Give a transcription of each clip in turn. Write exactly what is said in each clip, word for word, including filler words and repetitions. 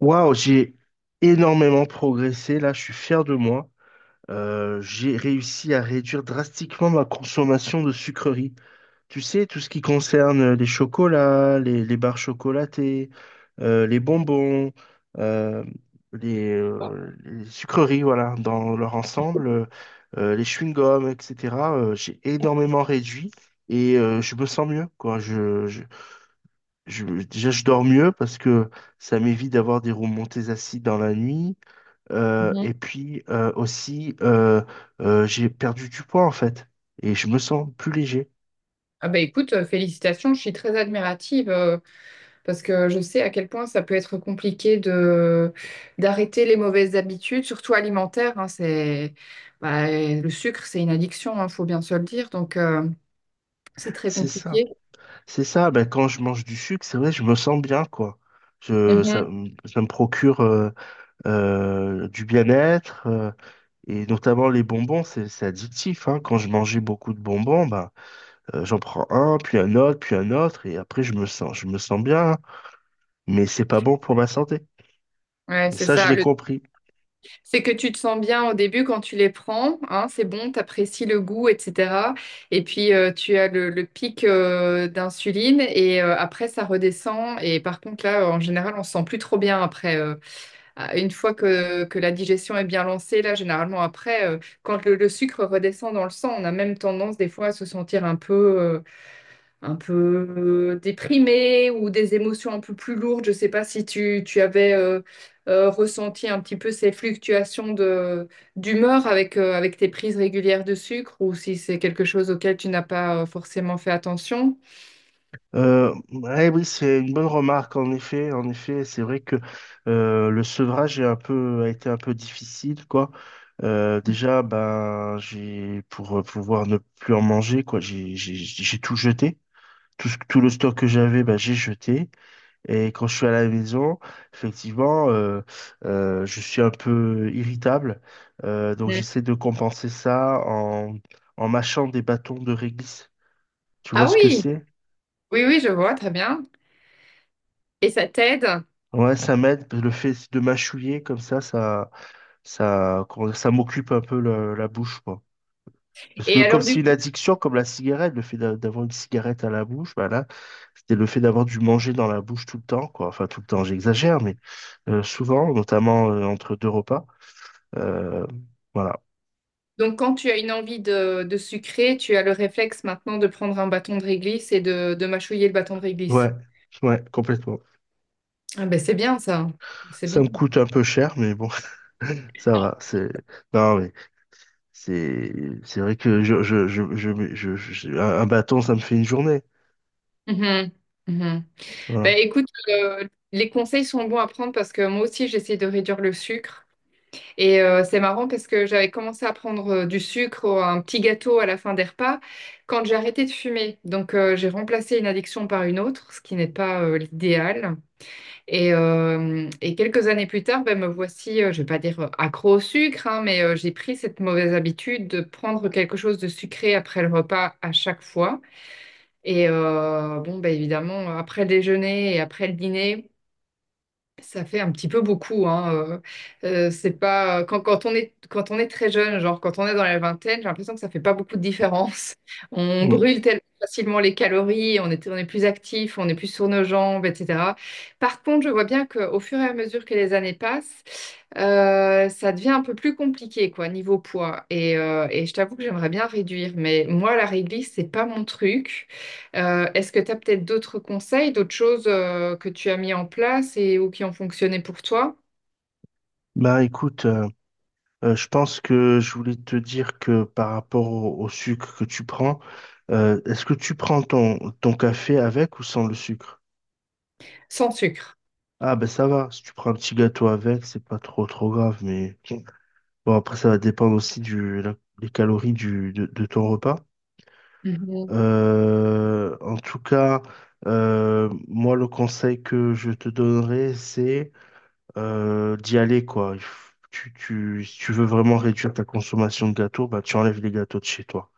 Waouh, j'ai énormément progressé. Là, je suis fier de moi. Euh, j'ai réussi à réduire drastiquement ma consommation de sucreries. Tu sais, tout ce qui concerne euh, les chocolats, les, les barres chocolatées, euh, les bonbons, euh, les, euh, les sucreries, voilà, dans leur ensemble, euh, euh, les chewing-gums, et cetera euh, j'ai énormément réduit et euh, je me sens mieux, quoi. Je, déjà, je dors mieux parce que ça m'évite d'avoir des remontées acides dans la nuit. Euh, Mhm. et puis euh, aussi, euh, euh, j'ai perdu du poids en fait. Et je me sens plus léger. Ah bah écoute, euh, félicitations, je suis très admirative euh, parce que je sais à quel point ça peut être compliqué de d'arrêter les mauvaises habitudes, surtout alimentaires, hein. C'est bah, le sucre, c'est une addiction, il faut bien se le dire, donc euh, c'est très C'est ça. compliqué. C'est ça. Ben, quand je mange du sucre, c'est vrai, je me sens bien, quoi. Je, ça, Mhm. me- ça me procure euh, euh, du bien-être. Euh, et notamment les bonbons, c'est c'est addictif, hein. Quand je mangeais beaucoup de bonbons, ben, euh, j'en prends un, puis un autre, puis un autre. Et après, je me sens, je me sens bien, hein. Mais c'est pas bon pour ma santé. Ouais, Et c'est ça, je ça. l'ai Le compris. C'est que tu te sens bien au début quand tu les prends, hein, c'est bon, tu apprécies le goût, et cetera. Et puis euh, tu as le, le pic euh, d'insuline et euh, après ça redescend. Et par contre là, euh, en général, on se sent plus trop bien après. Euh, à- une fois que, que la digestion est bien lancée, là, généralement après, euh, quand le, le sucre redescend dans le sang, on a même tendance des fois à se sentir un peu, euh, un peu déprimé, ou des émotions un peu plus lourdes. Je ne sais pas si tu, tu avais euh, euh, ressenti un petit peu ces fluctuations de, d'humeur avec, euh, avec tes prises régulières de sucre, ou si c'est quelque chose auquel tu n'as pas euh, forcément fait attention. Euh, ouais, oui, c'est une bonne remarque. En effet, en effet, c'est vrai que euh, le sevrage est un peu, a été un peu difficile, quoi. Euh, déjà, ben, j'ai pour euh, pouvoir ne plus en manger, quoi. J'ai, j'ai, j'ai tout jeté. Tout, ce- tout le stock que j'avais, ben, j'ai jeté. Et quand je suis à la maison, effectivement, euh, euh, je suis un peu irritable. Euh, donc, Mm. j'essaie de compenser ça en, en mâchant des bâtons de réglisse. Tu vois Ah ce que oui, c'est? oui, oui, je vois, très bien. Et ça t'aide. Ouais, ça m'aide. Le fait de mâchouiller comme ça, ça, ça, comment dire, ça m'occupe un peu la, la bouche, quoi. Parce Et que comme alors c'est du une coup, addiction, comme la cigarette, le fait d'a- d'avoir une cigarette à la bouche, bah là, c'était le fait d'avoir du manger dans la bouche tout le temps, quoi. Enfin, tout le temps, j'exagère, mais euh, souvent, notamment euh, entre deux repas. Euh, voilà. donc quand tu as une envie de, de sucrer, tu as le réflexe maintenant de prendre un bâton de réglisse et de, de mâchouiller le bâton de réglisse. Ouais, ouais, complètement. Ah ben c'est bien ça. C'est Ça bien. me coûte un peu cher, mais bon, ça va. C'est non, mais C'est c'est vrai que je, je, je, je, je- je- je- un un bâton, ça me fait une journée. Mhm. Mhm. Bah, Voilà. écoute, euh, les conseils sont bons à prendre parce que moi aussi j'essaie de réduire le sucre. Et euh, c'est marrant parce que j'avais commencé à prendre euh, du sucre, ou un petit gâteau à la fin des repas, quand j'ai arrêté de fumer. Donc euh, j'ai remplacé une addiction par une autre, ce qui n'est pas euh, l'idéal. Et, euh, et quelques années plus tard, ben me voici, euh, je vais pas dire euh, accro au sucre, hein, mais euh, j'ai pris cette mauvaise habitude de prendre quelque chose de sucré après le repas à chaque fois. Et euh, bon, ben évidemment, après le déjeuner et après le dîner. Ça fait un petit peu beaucoup, hein. Euh, euh, c'est pas quand, quand on est quand on est très jeune, genre quand on est dans la vingtaine, j'ai l'impression que ça fait pas beaucoup de différence. On Mm. brûle tellement facilement les calories, on est on est plus actif, on est plus sur nos jambes, et cetera. Par contre, je vois bien qu'au fur et à mesure que les années passent, euh, ça devient un peu plus compliqué, quoi, niveau poids. Et, euh, et je t'avoue que j'aimerais bien réduire, mais moi la réglisse, c'est pas mon truc. Euh, est-ce que tu as peut-être d'autres conseils, d'autres choses euh, que tu as mis en place et ou qui ont fonctionné pour toi Bah écoute, euh, euh, je pense que je voulais te dire que par rapport au, au sucre que tu prends, euh, est-ce que tu prends ton, ton café avec ou sans le sucre? sans sucre? Ah ben ça va, si tu prends un petit gâteau avec, c'est pas trop trop grave, mais bon après ça va dépendre aussi du, la- des calories du, de, de ton repas. Mhm, Euh, en tout cas, euh, moi le conseil que je te donnerais, c'est euh, d'y aller, quoi. Il f- Tu, tu, si tu veux vraiment réduire ta consommation de gâteaux, bah, tu enlèves les gâteaux de chez toi.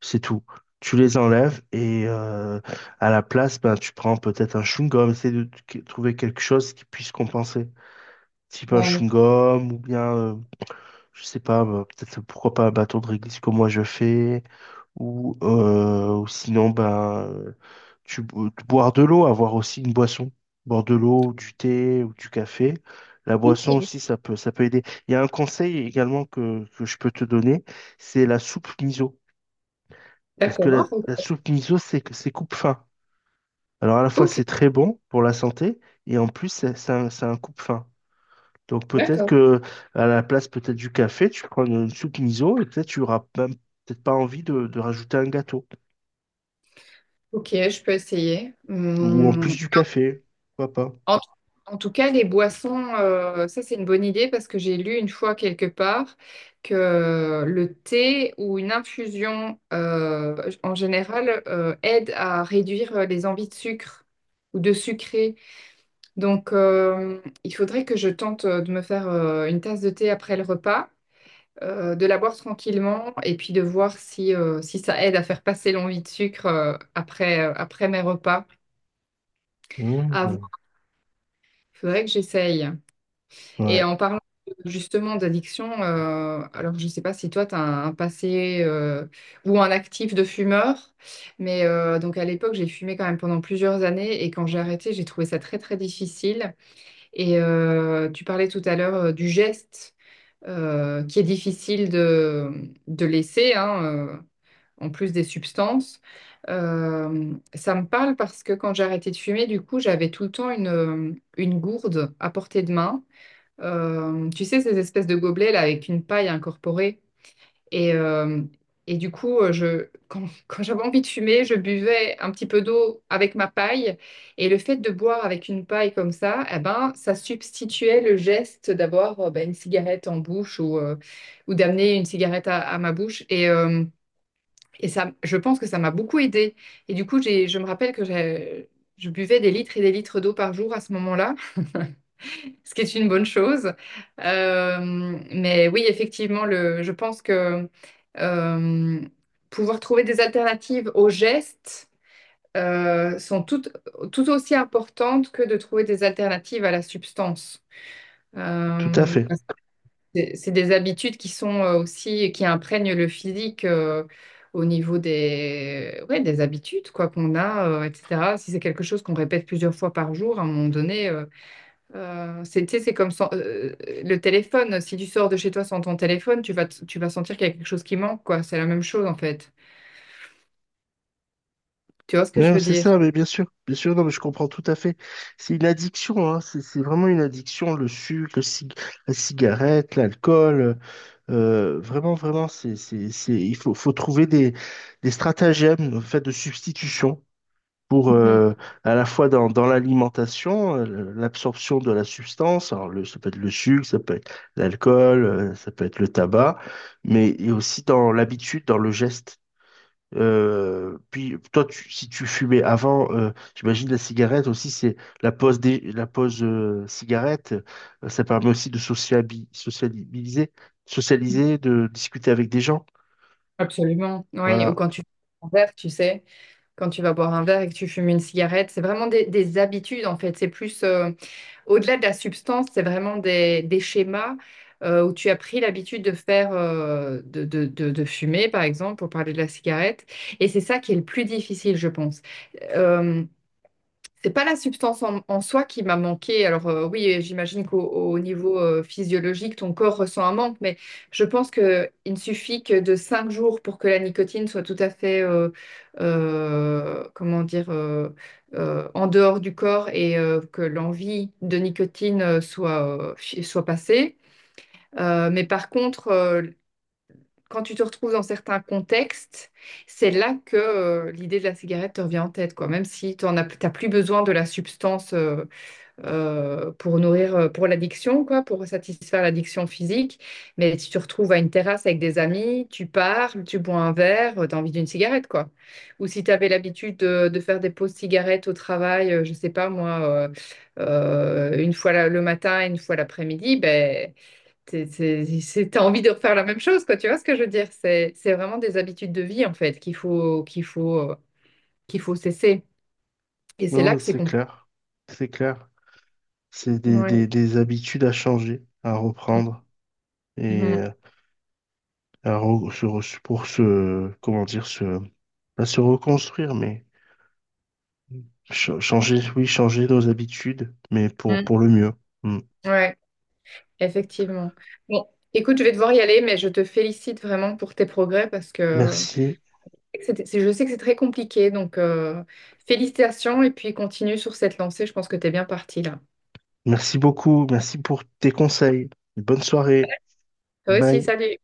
C'est tout. Tu les enlèves et euh, à la place, bah, tu prends peut-être un chewing-gum. Essaye de t- que- trouver quelque chose qui puisse compenser. Type un ouais. chewing-gum ou bien euh, je sais pas, bah, peut-être pourquoi pas un bâton de réglisse comme moi je fais, ou, euh, ou sinon, ben, euh, tu, bo- boire de l'eau, avoir aussi une boisson, boire de l'eau, du thé ou du café. La boisson Oui. aussi, ça peut, ça peut aider. Il y a un conseil également que, que je peux te donner, c'est la soupe miso. Parce que D'accord. la, la soupe miso, c'est que c'est coupe-faim. Alors à la fois, Ok, c'est très bon pour la santé, et en plus, c'est c'est un, c'est un coupe-faim. Donc peut-être d'accord. que à la place peut-être du café, tu prends une soupe miso et peut-être tu auras même peut-être pas envie de, de rajouter un gâteau. Ok, je peux essayer. Ou en plus Hum. du café, pourquoi pas. En, en tout cas, les boissons, euh, ça c'est une bonne idée parce que j'ai lu une fois quelque part que le thé ou une infusion euh, en général euh, aide à réduire les envies de sucre ou de sucré. Donc, euh, il faudrait que je tente euh, de me faire euh, une tasse de thé après le repas, euh, de la boire tranquillement et puis de voir si, euh, si ça aide à faire passer l'envie de sucre euh, après, euh, après mes repas. À voir. Mmh. Il faudrait que j'essaye. Et Ouais, en parlant justement d'addiction, euh, alors je ne sais pas si toi, tu as un, un passé euh, ou un actif de fumeur, mais euh, donc à l'époque, j'ai fumé quand même pendant plusieurs années et quand j'ai arrêté, j'ai trouvé ça très, très difficile. Et euh, tu parlais tout à l'heure euh, du geste, euh, qui est difficile de, de laisser, hein, euh, en plus des substances. Euh, ça me parle parce que quand j'ai arrêté de fumer, du coup, j'avais tout le temps une, euh, une gourde à portée de main. Euh, tu sais, ces espèces de gobelets là avec une paille incorporée. Et, euh, et du coup, euh, je, quand, Quand j'avais envie de fumer, je buvais un petit peu d'eau avec ma paille. Et le fait de boire avec une paille comme ça, eh ben, ça substituait le geste d'avoir euh, ben, une cigarette en bouche, ou, euh, ou d'amener une cigarette à, à ma bouche. Et, euh, et ça, je pense que ça m'a beaucoup aidée. Et du coup, j'ai, je me rappelle que j'ai- je buvais des litres et des litres d'eau par jour à ce moment-là. Ce qui est une bonne chose. Euh, mais oui, effectivement, le, je pense que euh, pouvoir trouver des alternatives aux gestes euh, sont tout, tout aussi importantes que de trouver des alternatives à la substance. tout à Euh, fait. Parce que c'est c'est des habitudes qui sont euh, aussi, qui imprègnent le physique, euh, au niveau des, ouais, des habitudes quoi qu'on a, euh, et cetera. Si c'est quelque chose qu'on répète plusieurs fois par jour, à un moment donné, euh, euh, c'est, tu sais, c'est comme sans- euh, le téléphone. Si tu sors de chez toi sans ton téléphone, tu vas, t- tu vas sentir qu'il y a quelque chose qui manque, quoi. C'est la même chose, en fait. Tu vois ce que je Non, veux c'est dire? ça, mais bien sûr, bien sûr, non, mais je comprends tout à fait. C'est une addiction, hein, c'est c'est vraiment une addiction, le sucre, le cig- la cigarette, l'alcool. Euh, vraiment, vraiment, c'est, c'est, c'est, il faut, faut trouver des, des stratagèmes, en fait, de substitution, pour Mhm. euh, à la fois dans, dans l'alimentation, euh, l'absorption de la substance, alors le, ça peut être le sucre, ça peut être l'alcool, euh, ça peut être le tabac, mais et aussi dans l'habitude, dans le geste. Euh, puis toi, tu- si tu fumais avant, euh, j'imagine la cigarette aussi, c'est la pause des, la pause euh, cigarette, euh, ça permet aussi de sociabi- sociabiliser, socialiser, de discuter avec des gens. Absolument. Oui, ou Voilà. quand tu bois un verre, tu sais, quand tu vas boire un verre et que tu fumes une cigarette, c'est vraiment des, des habitudes, en fait. C'est plus, euh, au-delà de la substance, c'est vraiment des, des schémas euh, où tu as pris l'habitude de faire, euh, de, de, de, de fumer, par exemple, pour parler de la cigarette. Et c'est ça qui est le plus difficile, je pense. Euh, C'est pas la substance en, en soi qui m'a manqué. Alors euh, oui, j'imagine qu'au au niveau euh, physiologique, ton corps ressent un manque, mais je pense qu'il ne suffit que de cinq jours pour que la nicotine soit tout à fait, euh, euh, comment dire, euh, euh, en dehors du corps, et euh, que l'envie de nicotine euh, soit, euh, fi- soit passée. Euh, mais par contre, euh, quand tu te retrouves dans certains contextes, c'est là que euh, l'idée de la cigarette te revient en tête, quoi. Même si tu n'as plus besoin de la substance euh, euh, pour nourrir, euh, pour l'addiction, quoi, pour satisfaire l'addiction physique. Mais si tu te retrouves à une terrasse avec des amis, tu parles, tu bois un verre, tu as envie d'une cigarette, quoi. Ou si tu avais l'habitude de, de faire des pauses cigarettes au travail, euh, je sais pas moi, euh, euh, une fois la- le matin et une fois l'après-midi, ben t'es- t'es- c'est- t'as envie de refaire la même chose, quoi. Tu vois ce que je veux dire? C'est, c'est vraiment des habitudes de vie, en fait, qu'il faut, qu'il faut, euh, qu'il faut cesser. Et c'est là Non, que c'est c'est compliqué. clair, c'est clair. C'est des, Ouais. des, des habitudes à changer, à reprendre et Mhm. euh, à re- se re- pour se, comment dire, se, pas se reconstruire, mais ch- changer, oui, changer nos habitudes, mais pour, Mhm. pour le mieux. Mm. Ouais, effectivement. Bon, écoute, je vais devoir y aller, mais je te félicite vraiment pour tes progrès parce que Merci. c'était- c'est- je sais que c'est très compliqué. Donc, euh, félicitations, et puis continue sur cette lancée. Je pense que t'es bien parti là. Merci beaucoup. Merci pour tes conseils. Bonne soirée. Toi aussi, Bye. salut.